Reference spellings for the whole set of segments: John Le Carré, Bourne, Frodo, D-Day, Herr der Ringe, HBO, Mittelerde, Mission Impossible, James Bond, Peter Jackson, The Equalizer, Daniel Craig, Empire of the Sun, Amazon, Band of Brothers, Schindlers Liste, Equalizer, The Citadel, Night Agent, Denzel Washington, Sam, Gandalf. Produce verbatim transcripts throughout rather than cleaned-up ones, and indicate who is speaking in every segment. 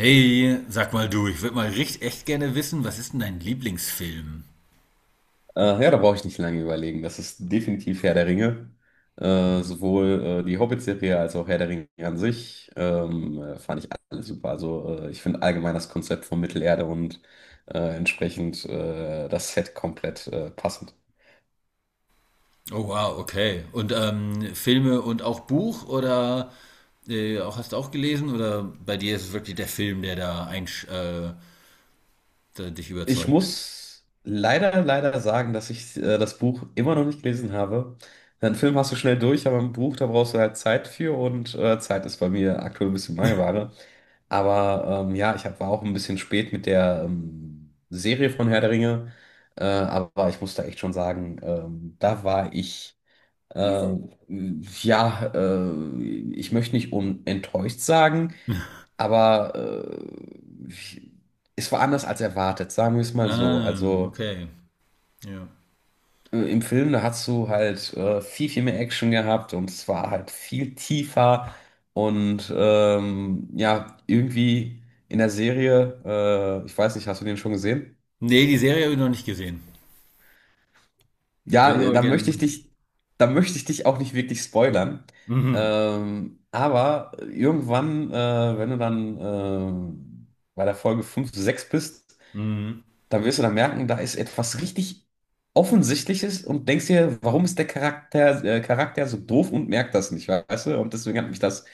Speaker 1: Hey, sag mal du, ich würde mal richtig echt gerne wissen, was ist denn dein Lieblingsfilm?
Speaker 2: Äh, ja, da brauche ich nicht lange überlegen. Das ist definitiv Herr der Ringe. Äh, sowohl äh, die Hobbit-Serie als auch Herr der Ringe an sich ähm, äh, fand ich alles super. Also äh, ich finde allgemein das Konzept von Mittelerde und äh, entsprechend äh, das Set komplett äh, passend.
Speaker 1: Oh wow, okay. Und ähm, Filme und auch Buch oder äh, auch hast du auch gelesen oder bei dir ist es wirklich der Film, der da einsch äh, der dich
Speaker 2: Ich
Speaker 1: überzeugt?
Speaker 2: muss leider, leider sagen, dass ich äh, das Buch immer noch nicht gelesen habe. Den Film hast du schnell durch, aber ein Buch, da brauchst du halt Zeit für und äh, Zeit ist bei mir aktuell ein bisschen Mangelware. Aber ähm, ja, ich hab, war auch ein bisschen spät mit der ähm, Serie von Herr der Ringe. Äh, aber ich muss da echt schon sagen, ähm, da war ich, äh, ja, äh, ich möchte nicht unenttäuscht sagen, aber äh, ich, es war anders als erwartet, sagen wir es mal so.
Speaker 1: Ah,
Speaker 2: Also
Speaker 1: okay. Ja.
Speaker 2: äh, im Film, da hast du halt äh, viel, viel mehr Action gehabt und es war halt viel tiefer und ähm, ja, irgendwie in der Serie, äh, ich weiß nicht, hast du den schon gesehen?
Speaker 1: Nee, die Serie habe ich noch nicht gesehen. Würde
Speaker 2: Ja,
Speaker 1: ich
Speaker 2: äh,
Speaker 1: aber
Speaker 2: da
Speaker 1: gerne
Speaker 2: möchte
Speaker 1: mal.
Speaker 2: ich dich, da möchte ich dich auch nicht wirklich spoilern.
Speaker 1: Mhm.
Speaker 2: Ähm, aber irgendwann, äh, wenn du dann ähm, bei der Folge fünf sechs bist,
Speaker 1: Mhm.
Speaker 2: da wirst du dann merken, da ist etwas richtig Offensichtliches und denkst dir, warum ist der Charakter, äh, Charakter so doof und merkt das nicht, weißt du? Und deswegen hat mich das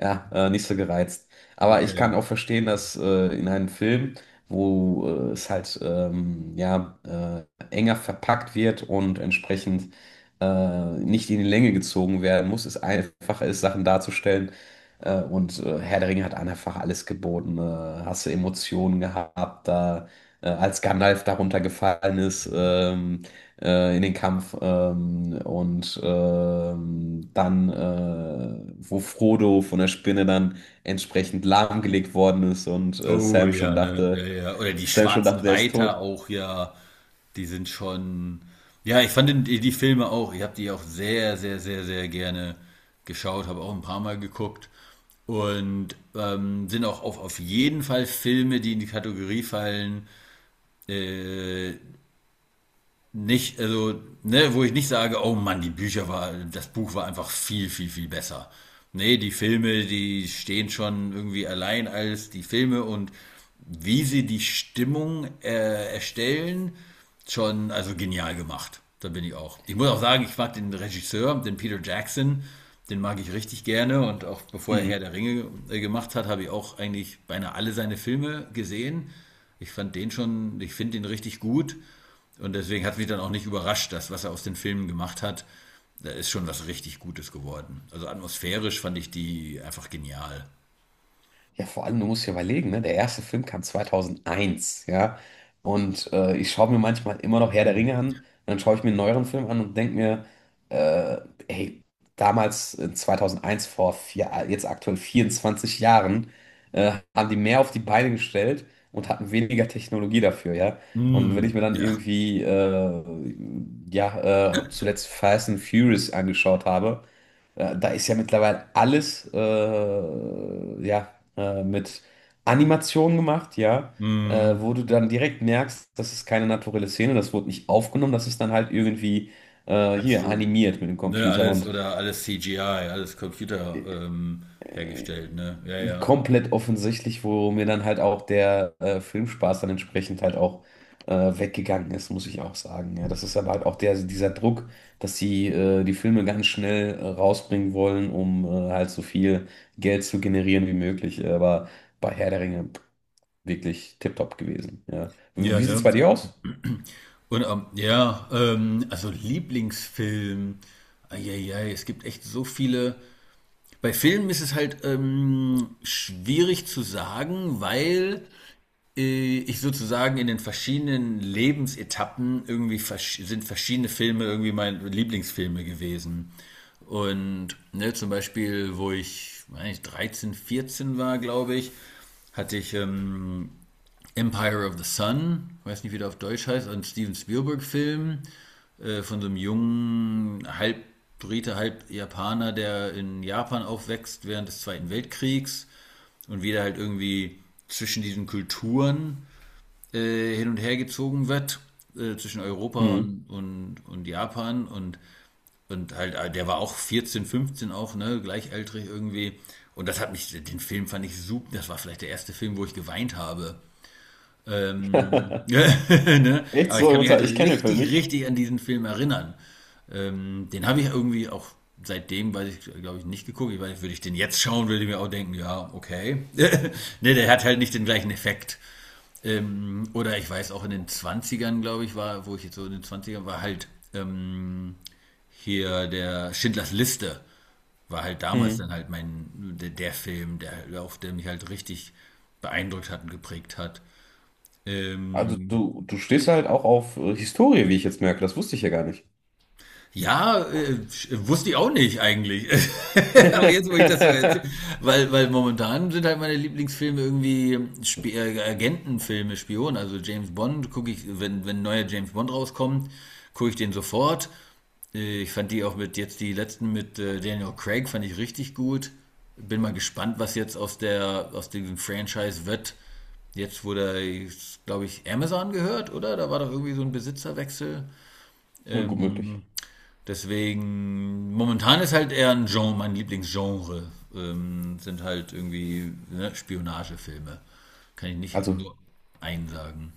Speaker 2: ja, äh, nicht so gereizt. Aber ich kann
Speaker 1: Okay.
Speaker 2: auch verstehen, dass äh, in einem Film, wo äh, es halt ähm, ja, äh, enger verpackt wird und entsprechend äh, nicht in die Länge gezogen werden muss, es einfacher ist, Sachen darzustellen. Äh, und äh, Herr der Ringe hat einfach alles geboten. Äh, hast du Emotionen gehabt, da äh, als Gandalf darunter gefallen ist ähm, äh, in den Kampf ähm, und ähm, dann, äh, wo Frodo von der Spinne dann entsprechend lahmgelegt worden ist und äh,
Speaker 1: Oh
Speaker 2: Sam schon
Speaker 1: ja, ne?
Speaker 2: dachte,
Speaker 1: Ja, ja. Oder die
Speaker 2: Sam schon
Speaker 1: schwarzen
Speaker 2: dachte, der ist tot.
Speaker 1: Reiter auch, ja. Die sind schon. Ja, ich fand den- die, die Filme auch, ich habe die auch sehr, sehr, sehr, sehr gerne geschaut, habe auch ein paar Mal geguckt. Und ähm, sind auch auf, auf jeden Fall Filme, die in die Kategorie fallen, äh, nicht, also, ne, wo ich nicht sage, oh Mann, die Bücher war, das Buch war einfach viel, viel, viel besser. Nee, die Filme, die stehen schon irgendwie allein als die Filme und wie sie die Stimmung äh, erstellen, schon, also genial gemacht. Da bin ich auch. Ich muss auch sagen, ich mag den Regisseur, den Peter Jackson, den mag ich richtig gerne und auch bevor er Herr
Speaker 2: Mhm.
Speaker 1: der Ringe äh, gemacht hat, habe ich auch eigentlich beinahe alle seine Filme gesehen. Ich fand den schon, ich finde den richtig gut. Und deswegen hat es mich dann auch nicht überrascht, dass was er aus den Filmen gemacht hat, da ist schon was richtig Gutes geworden. Also atmosphärisch fand ich die einfach genial.
Speaker 2: Ja, vor allem, du musst dir überlegen, ne? Der erste Film kam zweitausendeins, ja. Und äh, ich schaue mir manchmal immer noch Herr der
Speaker 1: Mm.
Speaker 2: Ringe an, und dann schaue ich mir einen neueren Film an und denke mir, äh, hey, damals äh, zweitausendeins, vor vier, jetzt aktuell vierundzwanzig Jahren, äh, haben die mehr auf die Beine gestellt und hatten weniger Technologie dafür, ja. Und wenn ich
Speaker 1: Mm.
Speaker 2: mir dann
Speaker 1: Ja.
Speaker 2: irgendwie, äh, ja, äh, zuletzt Fast and Furious angeschaut habe, äh, da ist ja mittlerweile alles äh, ja, äh, mit Animation gemacht, ja, äh,
Speaker 1: Mm.
Speaker 2: wo du dann direkt merkst, das ist keine naturelle Szene, das wurde nicht aufgenommen, das ist dann halt irgendwie äh, hier
Speaker 1: Also,
Speaker 2: animiert mit dem
Speaker 1: ne,
Speaker 2: Computer.
Speaker 1: alles
Speaker 2: Und
Speaker 1: oder alles C G I, alles Computer ähm, hergestellt, ne? Ja, ja.
Speaker 2: komplett offensichtlich, wo mir dann halt auch der äh, Filmspaß dann entsprechend halt auch äh, weggegangen ist, muss ich auch sagen. Ja, das ist aber halt auch der, dieser Druck, dass sie äh, die Filme ganz schnell äh, rausbringen wollen, um äh, halt so viel Geld zu generieren wie möglich. Aber bei Herr der Ringe pff, wirklich tipptopp gewesen. Ja. Wie,
Speaker 1: Ja,
Speaker 2: wie sieht's
Speaker 1: ne?
Speaker 2: bei dir aus?
Speaker 1: Und ähm, ja, ähm, also Lieblingsfilm. Eieiei, es gibt echt so viele. Bei Filmen ist es halt ähm, schwierig zu sagen, weil äh, ich sozusagen in den verschiedenen Lebensetappen irgendwie versch sind verschiedene Filme irgendwie meine Lieblingsfilme gewesen. Und ne, zum Beispiel, wo ich, weiß nicht, dreizehn, vierzehn war, glaube ich, hatte ich ähm, Empire of the Sun, weiß nicht, wie der auf Deutsch heißt, ein Steven Spielberg-Film äh, von so einem jungen, halb Brite, halb Japaner, der in Japan aufwächst während des Zweiten Weltkriegs und wieder halt irgendwie zwischen diesen Kulturen äh, hin und her gezogen wird, äh, zwischen Europa
Speaker 2: Hm.
Speaker 1: und, und, und Japan und, und halt, äh, der war auch vierzehn, fünfzehn auch, ne, gleichaltrig irgendwie. Und das hat mich, den Film fand ich super, das war vielleicht der erste Film, wo ich geweint habe. Ähm, ne?
Speaker 2: Echt
Speaker 1: Aber ich
Speaker 2: so,
Speaker 1: kann mich halt
Speaker 2: emotional? Ich kenne den Film
Speaker 1: richtig,
Speaker 2: nicht.
Speaker 1: richtig an diesen Film erinnern. Ähm, den habe ich irgendwie auch seitdem, weiß ich, glaube ich, nicht geguckt. Ich weiß, würde ich den jetzt schauen, würde ich mir auch denken, ja, okay. Ne, der hat halt nicht den gleichen Effekt. Ähm, oder ich weiß auch in den Zwanzigern, glaube ich, war, wo ich jetzt so in den Zwanzigern war, halt ähm, hier der Schindlers Liste war halt damals dann
Speaker 2: Hm.
Speaker 1: halt mein, der, der Film, der, auf der mich halt richtig beeindruckt hat und geprägt hat.
Speaker 2: Also
Speaker 1: Ähm,
Speaker 2: du, du stehst halt auch auf äh, Historie, wie ich jetzt merke. Das wusste ich ja gar nicht.
Speaker 1: Ja, äh, sch- wusste ich auch nicht eigentlich. Aber jetzt, wo ich das so erzähle, weil, weil momentan sind halt meine Lieblingsfilme irgendwie Sp äh, Agentenfilme, Spionen. Also James Bond gucke ich, wenn, wenn ein neuer James Bond rauskommt, gucke ich den sofort. Äh, Ich fand die auch mit, jetzt die letzten mit äh, Daniel Craig fand ich richtig gut. Bin mal gespannt, was jetzt aus der, aus diesem Franchise wird. Jetzt wurde, glaube ich, Amazon gehört, oder? Da war doch irgendwie so ein Besitzerwechsel.
Speaker 2: Ja, gut möglich.
Speaker 1: Ähm, Deswegen, momentan ist halt eher ein Genre, mein Lieblingsgenre, ähm, sind halt irgendwie ne, Spionagefilme. Kann ich nicht
Speaker 2: Also,
Speaker 1: nur einen sagen.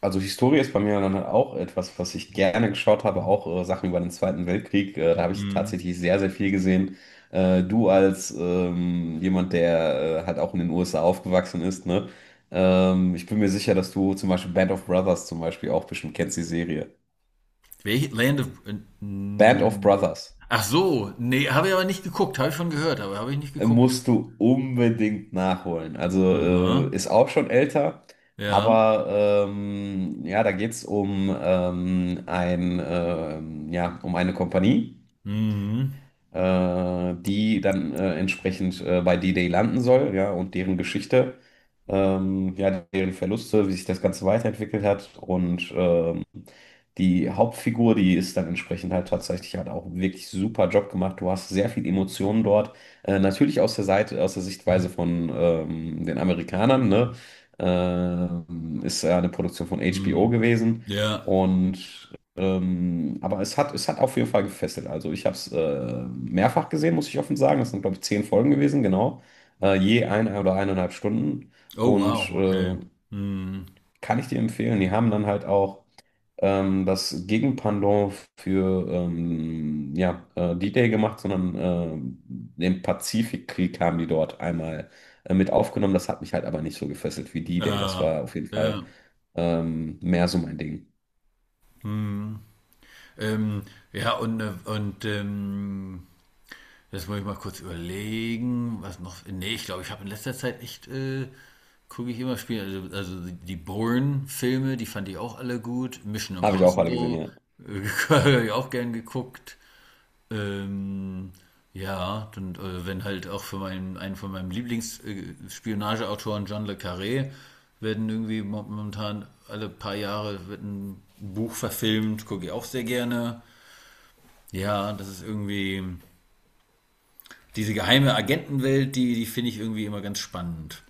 Speaker 2: also Historie ist bei mir dann auch etwas, was ich gerne geschaut habe, auch äh, Sachen über den Zweiten Weltkrieg. Äh, da habe ich
Speaker 1: Hm.
Speaker 2: tatsächlich sehr, sehr viel gesehen. Äh, du als ähm, jemand, der äh, halt auch in den U S A aufgewachsen ist, ne? Ähm, ich bin mir sicher, dass du zum Beispiel Band of Brothers zum Beispiel auch bestimmt kennst, die Serie.
Speaker 1: Welche Land of...
Speaker 2: Band of
Speaker 1: hm.
Speaker 2: Brothers.
Speaker 1: Ach so, nee, habe ich aber nicht geguckt, habe ich schon gehört, aber habe ich nicht geguckt.
Speaker 2: Musst du unbedingt nachholen. Also äh,
Speaker 1: Aha,
Speaker 2: ist auch schon älter,
Speaker 1: ja.
Speaker 2: aber ähm, ja, da geht es um ähm, ein ähm, ja um eine Kompanie,
Speaker 1: Mhm.
Speaker 2: äh, die dann äh, entsprechend äh, bei D-Day landen soll, ja, und deren Geschichte, ähm, ja, deren Verluste, wie sich das Ganze weiterentwickelt hat und ähm, die Hauptfigur, die ist dann entsprechend halt tatsächlich, hat auch wirklich super Job gemacht. Du hast sehr viel Emotionen dort. Äh, natürlich aus der Seite, aus der Sichtweise von ähm, den Amerikanern, ne? Ähm, ist ja eine Produktion von H B O
Speaker 1: Mhm.
Speaker 2: gewesen.
Speaker 1: Ja.
Speaker 2: Und ähm, aber es hat, es hat auf jeden Fall gefesselt. Also ich habe es äh, mehrfach gesehen, muss ich offen sagen. Das sind, glaube ich, zehn Folgen gewesen, genau. Äh, je eine oder eineinhalb Stunden.
Speaker 1: Oh
Speaker 2: Und
Speaker 1: wow, okay.
Speaker 2: äh,
Speaker 1: Mhm.
Speaker 2: kann ich dir empfehlen. Die haben dann halt auch ähm, das Gegenpendant für ähm, ja, äh, D-Day gemacht, sondern äh, den Pazifikkrieg haben die dort einmal äh, mit aufgenommen. Das hat mich halt aber nicht so gefesselt wie D-Day. Das
Speaker 1: Ah,
Speaker 2: war auf jeden Fall
Speaker 1: ja.
Speaker 2: ähm, mehr so mein Ding.
Speaker 1: Mhm. Ähm, ja, und, äh, und ähm, jetzt muss ich mal kurz überlegen, was noch. Nee, ich glaube, ich habe in letzter Zeit echt, äh, gucke ich immer Spiele. Also, also die Bourne-Filme, die fand ich auch alle gut. Mission
Speaker 2: Habe ich auch alle gesehen,
Speaker 1: Impossible,
Speaker 2: ja.
Speaker 1: äh, habe ich auch gern geguckt. Ähm, ja, dann, äh, wenn halt auch für meinen, einen von meinem Lieblingsspionageautoren John Le Carré werden irgendwie mo- momentan alle paar Jahre wird ein Buch verfilmt, gucke ich auch sehr gerne. Ja, das ist irgendwie. Diese geheime Agentenwelt, die, die finde ich irgendwie immer ganz spannend.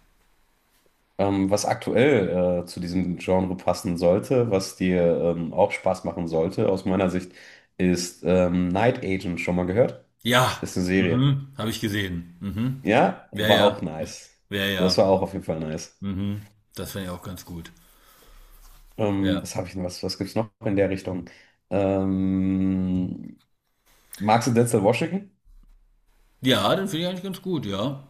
Speaker 2: Ähm, was aktuell äh, zu diesem Genre passen sollte, was dir ähm, auch Spaß machen sollte, aus meiner Sicht, ist ähm, Night Agent. Schon mal gehört?
Speaker 1: Ja,
Speaker 2: Ist eine Serie.
Speaker 1: mhm, habe ich gesehen. Mhm.
Speaker 2: Ja,
Speaker 1: Ja,
Speaker 2: war auch
Speaker 1: ja,
Speaker 2: nice.
Speaker 1: ja,
Speaker 2: Das
Speaker 1: ja.
Speaker 2: war auch auf jeden Fall nice.
Speaker 1: Mhm. Das finde ich auch ganz gut.
Speaker 2: Ähm,
Speaker 1: Ja.
Speaker 2: was habe ich denn? Was, was gibt's noch in der Richtung? Ähm, Magst du Denzel Washington?
Speaker 1: Ja, den finde ich eigentlich ganz gut, ja.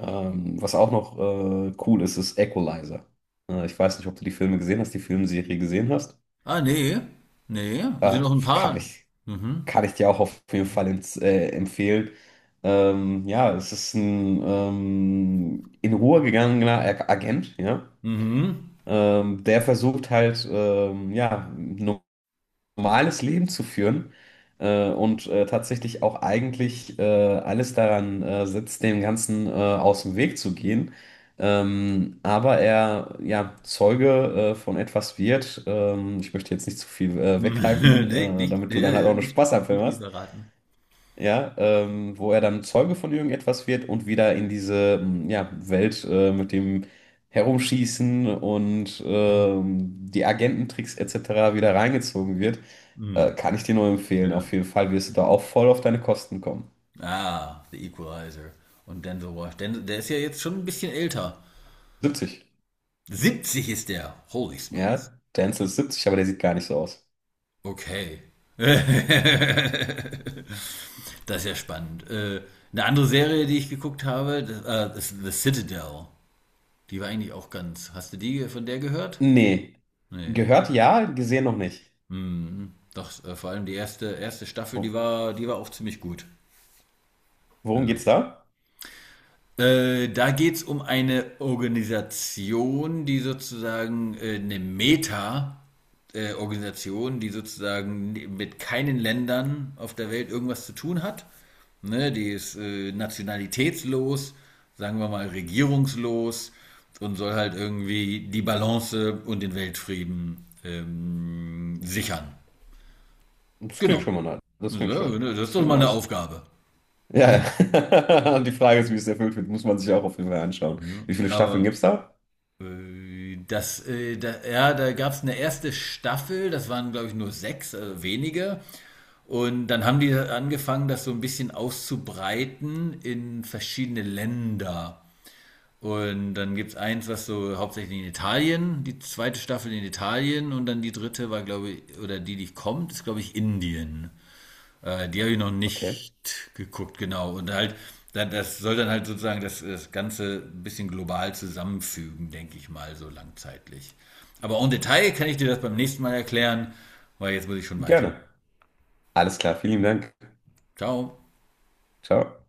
Speaker 2: Ähm, was auch noch äh, cool ist, ist Equalizer. Äh, ich weiß nicht, ob du die Filme gesehen hast, die Filmserie gesehen hast.
Speaker 1: Ah, nee. Nee, es sind
Speaker 2: Äh,
Speaker 1: noch ein
Speaker 2: kann
Speaker 1: paar.
Speaker 2: ich, kann
Speaker 1: Mhm.
Speaker 2: ich dir auch auf jeden Fall ins, äh, empfehlen. Ähm, ja, es ist ein ähm, in Ruhe gegangener Ag- Agent, ja.
Speaker 1: Mhm.
Speaker 2: Ähm, der versucht halt, ähm, ja, normales Leben zu führen äh, und äh, tatsächlich auch eigentlich äh, alles daran äh, setzt, dem Ganzen äh, aus dem Weg zu gehen. Ähm, aber er ja Zeuge äh, von etwas wird. Ähm, ich möchte jetzt nicht zu viel äh, weggreifen,
Speaker 1: Nee,
Speaker 2: äh,
Speaker 1: nicht,
Speaker 2: damit du
Speaker 1: ja,
Speaker 2: dann halt auch
Speaker 1: ja,
Speaker 2: einen
Speaker 1: nicht,
Speaker 2: Spaß am
Speaker 1: nicht zu
Speaker 2: Film
Speaker 1: viel
Speaker 2: hast
Speaker 1: verraten.
Speaker 2: ja, ähm, wo er dann Zeuge von irgendetwas wird und wieder in diese mm, ja, Welt äh, mit dem Herumschießen und ähm, die Agententricks et cetera wieder reingezogen wird, äh,
Speaker 1: Mhm.
Speaker 2: kann ich dir nur empfehlen. Auf
Speaker 1: Ja.
Speaker 2: jeden Fall wirst du da auch voll auf deine Kosten kommen.
Speaker 1: Ah, The Equalizer. Und Denzel Washington. Den- Der ist ja jetzt schon ein bisschen älter.
Speaker 2: siebzig.
Speaker 1: siebzig ist der. Holy smokes.
Speaker 2: Ja, Denzel ist siebzig, aber der sieht gar nicht so aus.
Speaker 1: Okay. Das ist ja spannend. Äh, eine andere Serie, die ich geguckt habe, das, äh, das ist The Citadel. Die war eigentlich auch ganz. Hast du die von der gehört?
Speaker 2: Nee,
Speaker 1: Nee.
Speaker 2: gehört ja, gesehen noch nicht.
Speaker 1: Hm, doch, äh, vor allem die erste, erste Staffel, die
Speaker 2: Wo,
Speaker 1: war, die war auch ziemlich gut.
Speaker 2: Worum
Speaker 1: Ja.
Speaker 2: geht's da?
Speaker 1: Äh, da geht es um eine Organisation, die sozusagen äh, eine Meta-Organisation, die sozusagen mit keinen Ländern auf der Welt irgendwas zu tun hat. Ne, die ist äh, nationalitätslos, sagen wir mal regierungslos und soll halt irgendwie die Balance und den Weltfrieden ähm, sichern.
Speaker 2: Das klingt
Speaker 1: Genau.
Speaker 2: schon mal nice. Das
Speaker 1: Ja,
Speaker 2: klingt schön.
Speaker 1: ne, das ist
Speaker 2: Das
Speaker 1: doch
Speaker 2: klingt
Speaker 1: mal eine
Speaker 2: nice.
Speaker 1: Aufgabe.
Speaker 2: Ja, ja. Und die Frage ist, wie es erfüllt wird, muss man sich auch auf jeden Fall anschauen.
Speaker 1: Ja.
Speaker 2: Wie viele Staffeln
Speaker 1: Aber
Speaker 2: gibt's da?
Speaker 1: Äh, Das, äh, da, ja, da gab es eine erste Staffel, das waren, glaube ich, nur sechs, also wenige. Und dann haben die angefangen, das so ein bisschen auszubreiten in verschiedene Länder. Und dann gibt es eins, was so hauptsächlich in Italien, die zweite Staffel in Italien und dann die dritte war, glaube ich, oder die, die kommt, ist, glaube ich, Indien. Äh, die habe ich noch
Speaker 2: Okay,
Speaker 1: nicht geguckt, genau. Und halt, da- das soll dann halt sozusagen das, das Ganze ein bisschen global zusammenfügen, denke ich mal, so langzeitlich. Aber en Detail kann ich dir das beim nächsten Mal erklären, weil jetzt muss ich schon weiter.
Speaker 2: gerne. Alles klar, vielen Dank.
Speaker 1: Ciao.
Speaker 2: Ciao.